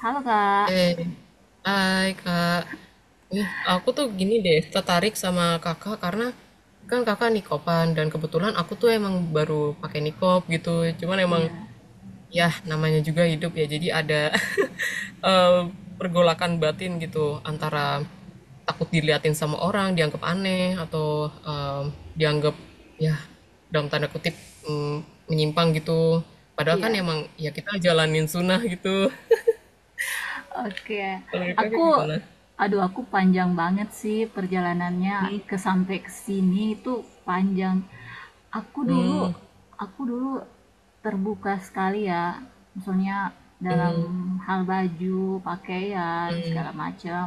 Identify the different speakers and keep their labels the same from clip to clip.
Speaker 1: Halo Kak.
Speaker 2: Eh, Hai Kak. Nih, aku tuh gini deh, tertarik sama Kakak karena kan Kakak nikopan dan kebetulan aku tuh emang baru pakai nikop gitu. Cuman emang
Speaker 1: Iya.
Speaker 2: ya namanya juga hidup ya. Jadi ada eh, pergolakan batin gitu antara takut diliatin sama orang, dianggap aneh atau dianggap ya dalam tanda kutip mm, menyimpang gitu. Padahal kan
Speaker 1: Iya.
Speaker 2: emang ya kita jalanin sunnah gitu.
Speaker 1: Oke.
Speaker 2: Kalau Kakak
Speaker 1: Aku,
Speaker 2: gimana?
Speaker 1: aduh, aku panjang banget sih perjalanannya, sampai ke sini itu panjang. Aku dulu,
Speaker 2: Mmm,
Speaker 1: aku dulu, terbuka sekali ya. Misalnya dalam hal baju, pakaian, segala macam.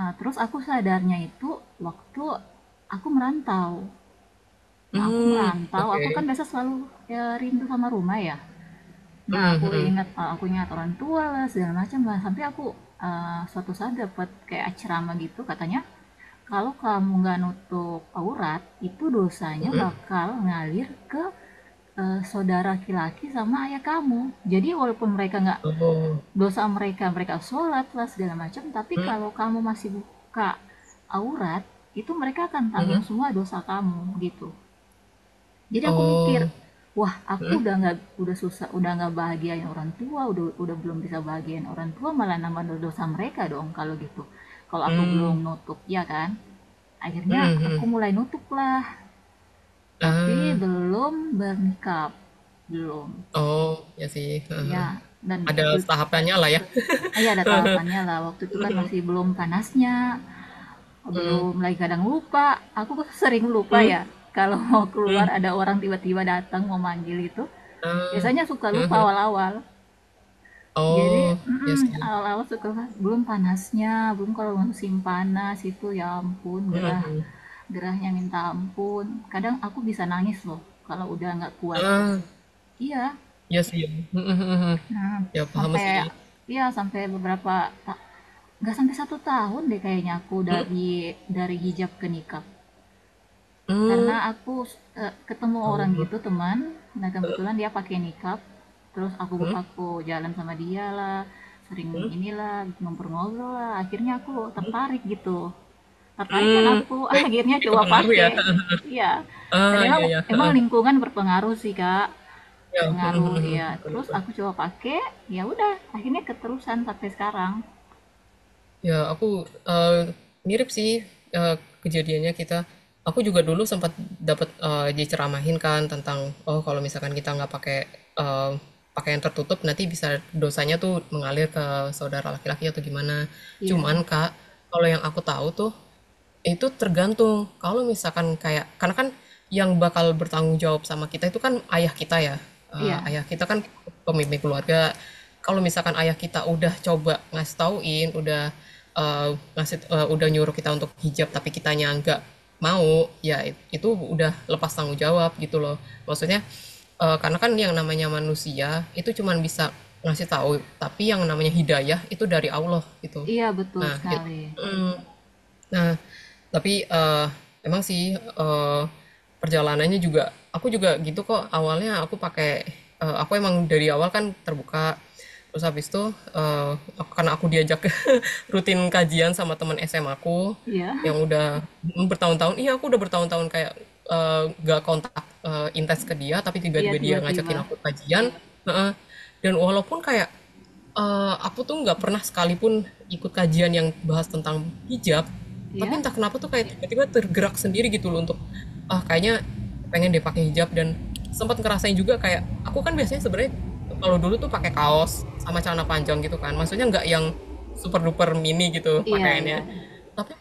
Speaker 1: Terus aku sadarnya itu waktu aku merantau. Nah, aku
Speaker 2: mmm,
Speaker 1: merantau, aku
Speaker 2: okay.
Speaker 1: kan biasa selalu, ya, rindu sama rumah ya. Nah,
Speaker 2: Mhm
Speaker 1: aku
Speaker 2: mhm,
Speaker 1: ingat, orang tua lah, segala macam lah, sampai aku, suatu saat dapat kayak ceramah gitu, katanya, "Kalau kamu nggak nutup aurat, itu dosanya
Speaker 2: mhm.
Speaker 1: bakal ngalir ke saudara laki-laki sama ayah kamu. Jadi walaupun mereka nggak
Speaker 2: Oh,
Speaker 1: dosa mereka, mereka sholat lah, segala macam, tapi
Speaker 2: mhm,
Speaker 1: kalau kamu masih buka aurat, itu mereka akan tanggung
Speaker 2: mhm.
Speaker 1: semua dosa kamu," gitu. Jadi aku mikir,
Speaker 2: Oh,
Speaker 1: "Wah, aku
Speaker 2: mhm,
Speaker 1: udah nggak, udah susah, udah nggak bahagiain orang tua, udah belum bisa bahagiain orang tua, malah nambah dosa mereka dong kalau gitu, kalau aku belum
Speaker 2: mmm,
Speaker 1: nutup, ya kan." Akhirnya
Speaker 2: mhm
Speaker 1: aku
Speaker 2: mhm.
Speaker 1: mulai nutup lah, tapi
Speaker 2: Ah,
Speaker 1: belum bernikah, belum,
Speaker 2: oh, iya sih, heeh heeh.
Speaker 1: ya. Dan
Speaker 2: Ada
Speaker 1: waktu,
Speaker 2: tahapannya lah ya.
Speaker 1: ah, ya ada
Speaker 2: Heeh heeh,
Speaker 1: tahapannya lah, waktu itu kan masih belum panasnya,
Speaker 2: mhm,
Speaker 1: belum lagi kadang lupa aku sering lupa ya, kalau mau keluar ada orang tiba-tiba datang mau manggil itu,
Speaker 2: ah,
Speaker 1: biasanya suka
Speaker 2: heeh
Speaker 1: lupa
Speaker 2: heeh.
Speaker 1: awal-awal. Jadi,
Speaker 2: Oh, iya
Speaker 1: mhm,
Speaker 2: sih.
Speaker 1: awal-awal suka belum panasnya, belum, kalau musim panas itu ya ampun gerah, gerahnya minta ampun. Kadang aku bisa nangis loh kalau udah nggak kuat.
Speaker 2: Heeh,
Speaker 1: Iya,
Speaker 2: iya sih, mhm mhm mhm.
Speaker 1: nah
Speaker 2: Ya paham
Speaker 1: sampai,
Speaker 2: sih.
Speaker 1: iya sampai beberapa, nggak sampai satu tahun deh kayaknya, aku dari, hijab ke nikah. Karena
Speaker 2: Mmm,
Speaker 1: aku, ketemu
Speaker 2: ya
Speaker 1: orang
Speaker 2: Allah,
Speaker 1: gitu, teman, nah kebetulan dia pakai niqab, terus aku, jalan sama dia lah, sering inilah, ngobrol-ngobrol lah, akhirnya aku tertarik gitu, tertarik, dan
Speaker 2: mmm,
Speaker 1: aku
Speaker 2: baik,
Speaker 1: akhirnya
Speaker 2: ya
Speaker 1: coba
Speaker 2: kepengaruh ya,
Speaker 1: pakai.
Speaker 2: heeh heeh.
Speaker 1: Iya, dan
Speaker 2: Ah,
Speaker 1: emang,
Speaker 2: iya iya, heeh.
Speaker 1: lingkungan berpengaruh sih kak,
Speaker 2: Ya, mhm mhm
Speaker 1: berpengaruh
Speaker 2: mhm,
Speaker 1: ya, terus aku coba pakai, ya udah, akhirnya keterusan sampai sekarang.
Speaker 2: ya, eee, mirip sih, eee, kejadiannya kita. Aku juga dulu sempat dapat diceramahin kan tentang, oh, kalau misalkan kita nggak pakai, eee, pakaian tertutup nanti bisa dosanya tuh mengalir ke saudara laki-laki atau gimana. Cuman
Speaker 1: Iya,
Speaker 2: Kak, kalau yang aku tahu tuh itu tergantung, kalau misalkan kayak karena kan yang bakal bertanggung jawab sama kita itu kan ayah kita ya,
Speaker 1: iya,
Speaker 2: ayah kita kan pemimpin keluarga. Kalau misalkan ayah kita udah coba ngasih tauin, udah, eee, udah nyuruh kita untuk hijab tapi kitanya nggak mau, ya itu udah lepas tanggung jawab gitu loh. Maksudnya, karena kan yang namanya manusia itu cuma bisa ngasih tahu, tapi yang namanya hidayah itu dari Allah gitu.
Speaker 1: iya, betul
Speaker 2: Nah it
Speaker 1: sekali.
Speaker 2: Mhm. Nah, tapi, eee, emang sih, perjalanannya juga aku juga gitu kok awalnya aku pakai aku emang dari awal kan terbuka, terus habis itu, karena aku diajak rutin kajian sama teman SMA aku,
Speaker 1: Iya,
Speaker 2: yang udah mhm, bertahun-tahun iya aku udah bertahun-tahun kayak, nggak kontak, intens ke dia tapi
Speaker 1: iya,
Speaker 2: tiba-tiba dia ngajakin
Speaker 1: tiba-tiba.
Speaker 2: aku kajian. Iya, heeh, dan walaupun kayak aku tuh nggak pernah sekalipun ikut kajian yang bahas tentang hijab, tapi
Speaker 1: Iya.
Speaker 2: entah kenapa tuh kayak iya, tiba-tiba tergerak sendiri gitu loh untuk, ah, kayaknya pengen deh pakai hijab dan sempat ngerasain juga kayak aku kan biasanya sebenarnya kalau dulu tuh pakai kaos sama celana panjang gitu kan, maksudnya nggak yang super duper mini gitu
Speaker 1: Iya, iya.
Speaker 2: pakaiannya,
Speaker 1: Iya.
Speaker 2: tapi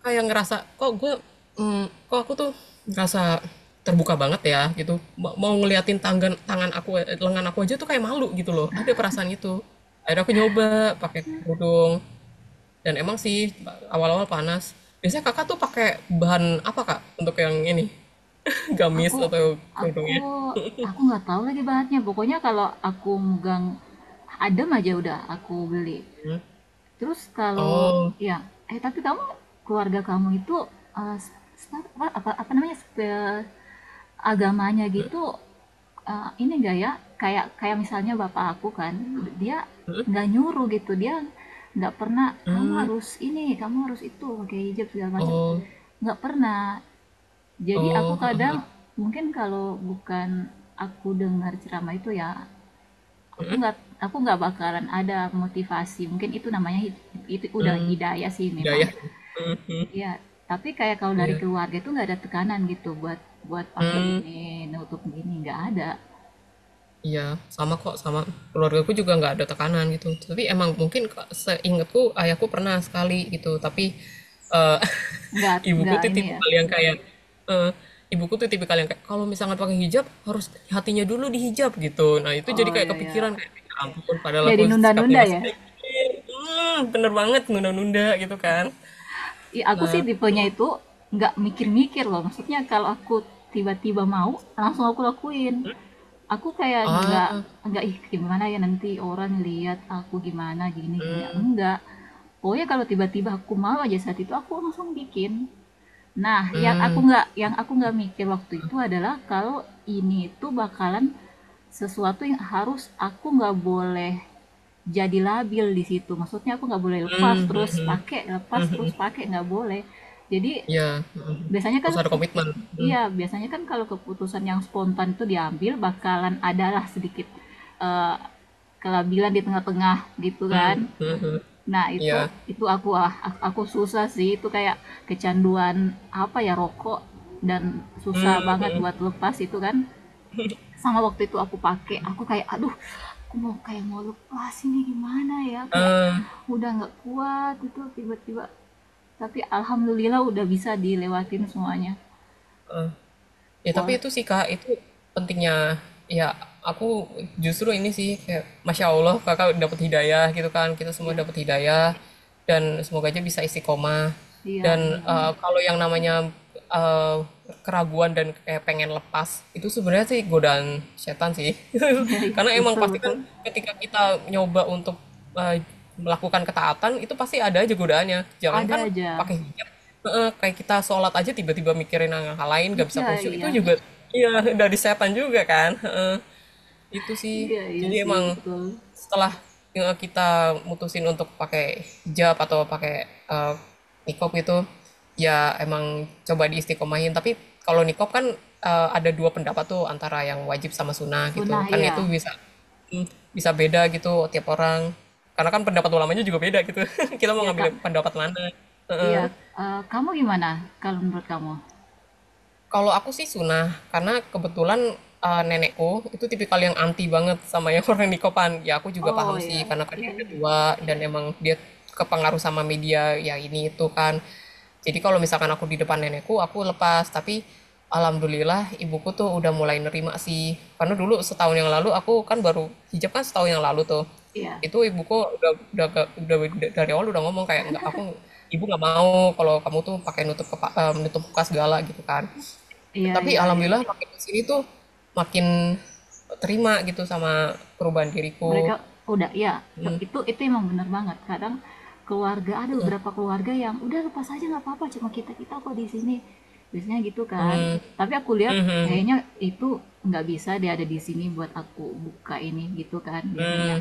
Speaker 2: kayak ngerasa, kok gue, mmm, kok aku tuh ngerasa terbuka banget ya gitu, mau ngeliatin tangan tangan aku, lengan aku aja tuh kayak malu gitu loh, ada perasaan itu. Akhirnya aku nyoba pakai kerudung, dan emang sih awal-awal panas. Biasanya Kakak tuh pakai bahan apa, Kak, untuk yang ini, gamis
Speaker 1: Aku
Speaker 2: atau kerudungnya?
Speaker 1: aku aku nggak tahu lagi bahannya. Pokoknya kalau aku megang adem aja, udah aku beli. Terus kalau,
Speaker 2: Oh,
Speaker 1: ya, tapi kamu, keluarga kamu itu, eh, s- apa, apa apa namanya, agamanya gitu, ini enggak ya? Kayak kayak misalnya bapak aku kan, dia nggak nyuruh gitu, dia nggak pernah, "Kamu
Speaker 2: hmm,
Speaker 1: harus ini, kamu harus itu, pakai hijab, segala macam,"
Speaker 2: oh
Speaker 1: nggak pernah. Jadi aku
Speaker 2: oh,
Speaker 1: kadang,
Speaker 2: ya
Speaker 1: mungkin kalau bukan aku dengar ceramah itu ya, aku nggak aku nggak bakalan ada motivasi. Mungkin itu namanya, itu udah hidayah sih memang.
Speaker 2: ya,
Speaker 1: Ya, tapi kayak kalau dari
Speaker 2: iya.
Speaker 1: keluarga itu nggak ada tekanan gitu, buat buat pakai
Speaker 2: Mmm.
Speaker 1: ini, nutup gini, nggak ada.
Speaker 2: Iya, sama kok, sama. Keluargaku juga nggak ada tekanan gitu. Tapi emang mungkin ke seingetku ayahku pernah sekali gitu, tapi eee,
Speaker 1: Nggak
Speaker 2: ibuku
Speaker 1: nggak
Speaker 2: tuh
Speaker 1: ini ya.
Speaker 2: tipikal yang kayak eee, ibuku tuh tipikal yang kayak, "Kalau misalnya pakai hijab harus hatinya dulu dihijab," gitu. Nah, itu jadi
Speaker 1: Oh,
Speaker 2: kayak
Speaker 1: ya ya.
Speaker 2: kepikiran kayak, "Ya ampun, padahal
Speaker 1: Jadi
Speaker 2: aku sikapnya
Speaker 1: nunda-nunda
Speaker 2: masih
Speaker 1: ya.
Speaker 2: kayak gini." Mhm, bener banget, nunda-nunda gitu kan.
Speaker 1: Ih, aku sih
Speaker 2: Nah,
Speaker 1: tipenya
Speaker 2: mhm.
Speaker 1: itu nggak mikir-mikir loh. Maksudnya kalau aku tiba-tiba mau, langsung aku lakuin. Aku kayak nggak
Speaker 2: Ah,
Speaker 1: nggak, "Ih, gimana ya nanti orang lihat aku, gimana gini gini." Enggak. Pokoknya kalau tiba-tiba aku mau aja, saat itu aku langsung bikin. Nah, yang aku
Speaker 2: hmm,
Speaker 1: nggak yang aku nggak mikir waktu itu adalah kalau ini itu bakalan sesuatu yang harus, aku nggak boleh jadi labil di situ. Maksudnya aku nggak boleh lepas terus pakai, nggak boleh. Jadi,
Speaker 2: ya,
Speaker 1: Biasanya kan
Speaker 2: harus ada
Speaker 1: ke-
Speaker 2: komitmen, mhm,
Speaker 1: iya, biasanya kan kalau keputusan yang spontan itu diambil bakalan adalah sedikit, eh, kelabilan di tengah-tengah gitu kan. Nah, itu
Speaker 2: iya.
Speaker 1: itu aku susah sih itu, kayak kecanduan, apa ya, rokok, dan susah banget buat lepas itu kan. Sama waktu itu aku pakai, aku kayak aduh, aku mau kayak mau lepas ini gimana ya? Kayak
Speaker 2: eh,
Speaker 1: udah nggak kuat itu tiba-tiba, tapi alhamdulillah udah bisa dilewatin semuanya.
Speaker 2: ya tapi
Speaker 1: Boleh.
Speaker 2: itu sih Kak, itu pentingnya ya aku justru ini sih kayak Masya Allah Kakak dapat hidayah gitu kan, kita semua
Speaker 1: Iya,
Speaker 2: dapat hidayah dan semoga aja bisa istiqomah.
Speaker 1: iya,
Speaker 2: Dan
Speaker 1: amin, amin.
Speaker 2: kalau yang namanya eh, keraguan dan kayak pengen lepas itu sebenarnya sih godaan setan sih.
Speaker 1: Iya, iya,
Speaker 2: Karena emang
Speaker 1: betul,
Speaker 2: pasti kan
Speaker 1: betul.
Speaker 2: ketika kita nyoba untuk eh, melakukan ketaatan itu pasti ada aja godaannya.
Speaker 1: Ada
Speaker 2: Jangankan
Speaker 1: aja.
Speaker 2: pakai hijab, heeh, kayak kita sholat aja tiba-tiba mikirin hal-hal lain, gak bisa
Speaker 1: Iya,
Speaker 2: khusyuk, itu
Speaker 1: iya,
Speaker 2: juga iya, dari setan juga kan, heeh. Itu sih,
Speaker 1: iya, iya
Speaker 2: jadi
Speaker 1: sih,
Speaker 2: emang
Speaker 1: betul.
Speaker 2: setelah, kita mutusin untuk pakai hijab atau pakai, niqab itu, ya emang coba diistiqomahin, tapi kalau niqab kan, ada 2 pendapat tuh antara yang wajib sama sunnah
Speaker 1: Sunnah,
Speaker 2: gitu, kan itu
Speaker 1: iya,
Speaker 2: bisa mhm, bisa beda gitu tiap orang, karena kan pendapat ulamanya juga beda gitu, kita mau
Speaker 1: iya,
Speaker 2: ngambil
Speaker 1: Kak,
Speaker 2: pendapat mana, heeh.
Speaker 1: iya. Kamu gimana kalau menurut kamu?
Speaker 2: Kalau aku sih sunah, karena kebetulan, nenekku itu tipikal yang anti banget sama yang orang nikopan. Ya aku juga
Speaker 1: Oh,
Speaker 2: paham
Speaker 1: iya,
Speaker 2: sih, karena kan
Speaker 1: iya,
Speaker 2: dia udah tua dan emang dia kepengaruh sama media, ya ini itu kan. Jadi kalau misalkan aku di depan nenekku, aku lepas, tapi alhamdulillah ibuku tuh udah mulai nerima sih. Karena dulu setahun yang lalu aku kan baru hijab kan setahun yang lalu tuh,
Speaker 1: iya,
Speaker 2: itu ibuku udah udah dari awal udah ngomong kayak, "Nggak, aku ibu nggak mau kalau kamu tuh pakai menutup muka segala," gitu kan.
Speaker 1: iya,
Speaker 2: Tapi
Speaker 1: iya, iya, iya.
Speaker 2: alhamdulillah makin kesini tuh makin terima gitu sama perubahan diriku.
Speaker 1: Mereka udah ya, itu emang bener banget. Kadang keluarga, ada beberapa keluarga yang udah lepas aja nggak apa-apa, cuma kita, kok di sini. Biasanya gitu kan. Tapi aku lihat kayaknya itu, nggak bisa dia ada di sini buat aku buka ini gitu kan biasanya.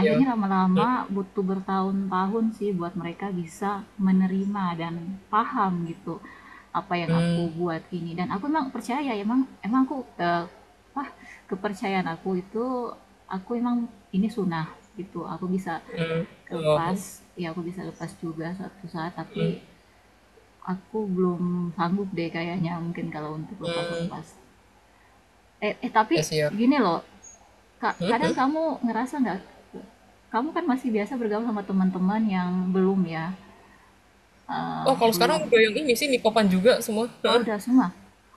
Speaker 2: Ya.
Speaker 1: Akhirnya lama-lama butuh bertahun-tahun sih buat mereka bisa menerima dan paham gitu, apa yang aku
Speaker 2: Mmm,
Speaker 1: buat ini, dan aku emang percaya, emang, aku, eh, apa kepercayaan aku itu, aku emang ini sunnah gitu, aku bisa lepas
Speaker 2: oh,
Speaker 1: ya, aku bisa lepas juga suatu saat, tapi aku belum sanggup deh kayaknya mungkin, kalau untuk lepas lepas,
Speaker 2: ya
Speaker 1: tapi
Speaker 2: sih ya.
Speaker 1: gini loh, kadang kamu ngerasa nggak, kamu kan masih biasa bergaul sama teman-teman yang belum ya,
Speaker 2: Oh, kalau
Speaker 1: belum.
Speaker 2: sekarang udah yang ini sih nikopan juga semua.
Speaker 1: Oh, udah semua?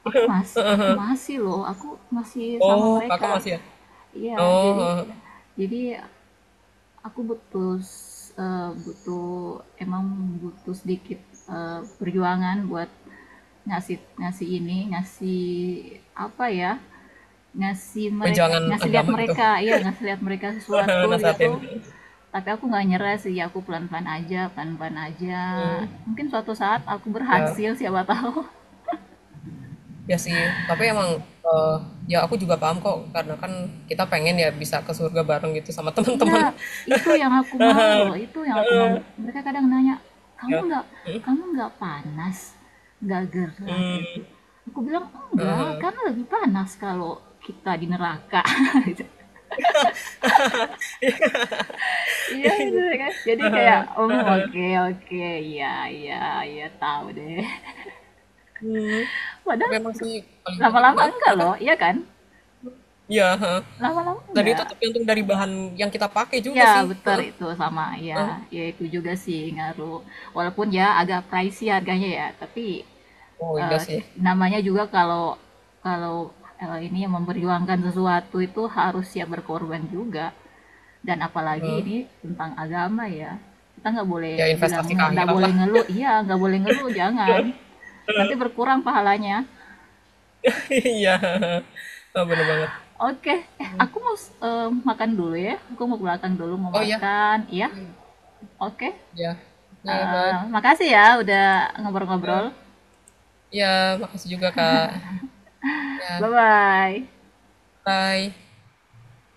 Speaker 1: Aku masih loh, aku masih sama
Speaker 2: Oh, Kakak
Speaker 1: mereka.
Speaker 2: masih ya?
Speaker 1: Iya,
Speaker 2: Oh,
Speaker 1: jadi,
Speaker 2: heeh.
Speaker 1: jadi aku butuh, butuh, emang butuh sedikit, perjuangan buat ngasih, ini, ngasih apa ya? Ngasih mereka,
Speaker 2: Wejangan
Speaker 1: ngasih lihat
Speaker 2: agama gitu.
Speaker 1: mereka, ya ngasih lihat mereka sesuatu gitu.
Speaker 2: Nasehatin,
Speaker 1: Tapi aku nggak nyerah sih, aku pelan-pelan aja, pelan-pelan aja.
Speaker 2: mhm.
Speaker 1: Mungkin suatu saat aku
Speaker 2: Ya,
Speaker 1: berhasil, siapa tahu.
Speaker 2: ya sih, tapi emang, eee, ya aku juga paham kok karena kan kita pengen ya bisa ke surga bareng gitu sama
Speaker 1: Iya,
Speaker 2: teman-teman,
Speaker 1: itu yang aku mau loh, itu yang aku mau. Mereka kadang nanya, "Kamu
Speaker 2: ya.
Speaker 1: nggak kamu nggak panas? Nggak gerah gitu?"
Speaker 2: Hmm,
Speaker 1: Aku bilang, "Enggak, karena lebih panas kalau kita di neraka." Gitu. Iya, bener ya kan? Jadi kayak, "Om, oke, oke, iya, iya, iya, tahu deh."
Speaker 2: mhm. Tapi
Speaker 1: Padahal,
Speaker 2: emang sih paling penting
Speaker 1: lama-lama
Speaker 2: heeh,
Speaker 1: enggak
Speaker 2: kenapa?
Speaker 1: loh, iya kan?
Speaker 2: Iya, heeh.
Speaker 1: Lama-lama
Speaker 2: Dan itu
Speaker 1: enggak.
Speaker 2: tergantung dari bahan yang kita pakai
Speaker 1: Iya,
Speaker 2: juga sih,
Speaker 1: betar
Speaker 2: heeh.
Speaker 1: itu sama, ya. Ya itu juga sih ngaruh. Walaupun ya agak pricey harganya ya, tapi,
Speaker 2: Oh, iya
Speaker 1: eh,
Speaker 2: sih.
Speaker 1: namanya juga kalau, kalau ini yang memperjuangkan sesuatu itu harus siap berkorban juga, dan apalagi ini tentang agama ya, kita nggak boleh
Speaker 2: Ya
Speaker 1: bilang,
Speaker 2: investasi ke
Speaker 1: nggak
Speaker 2: akhirat
Speaker 1: boleh
Speaker 2: lah.
Speaker 1: ngeluh, iya, nggak boleh ngeluh, jangan nanti berkurang pahalanya.
Speaker 2: Iya, heeh. Oh, bener banget.
Speaker 1: Oke. Aku mau, makan dulu ya, aku mau ke belakang dulu mau
Speaker 2: Oh, iya.
Speaker 1: makan ya.
Speaker 2: Mhm,
Speaker 1: Oke.
Speaker 2: iya. Oke, bye.
Speaker 1: Makasih ya udah ngobrol-ngobrol.
Speaker 2: Ya, iya, makasih juga, Kak. Ya,
Speaker 1: Bye bye.
Speaker 2: bye.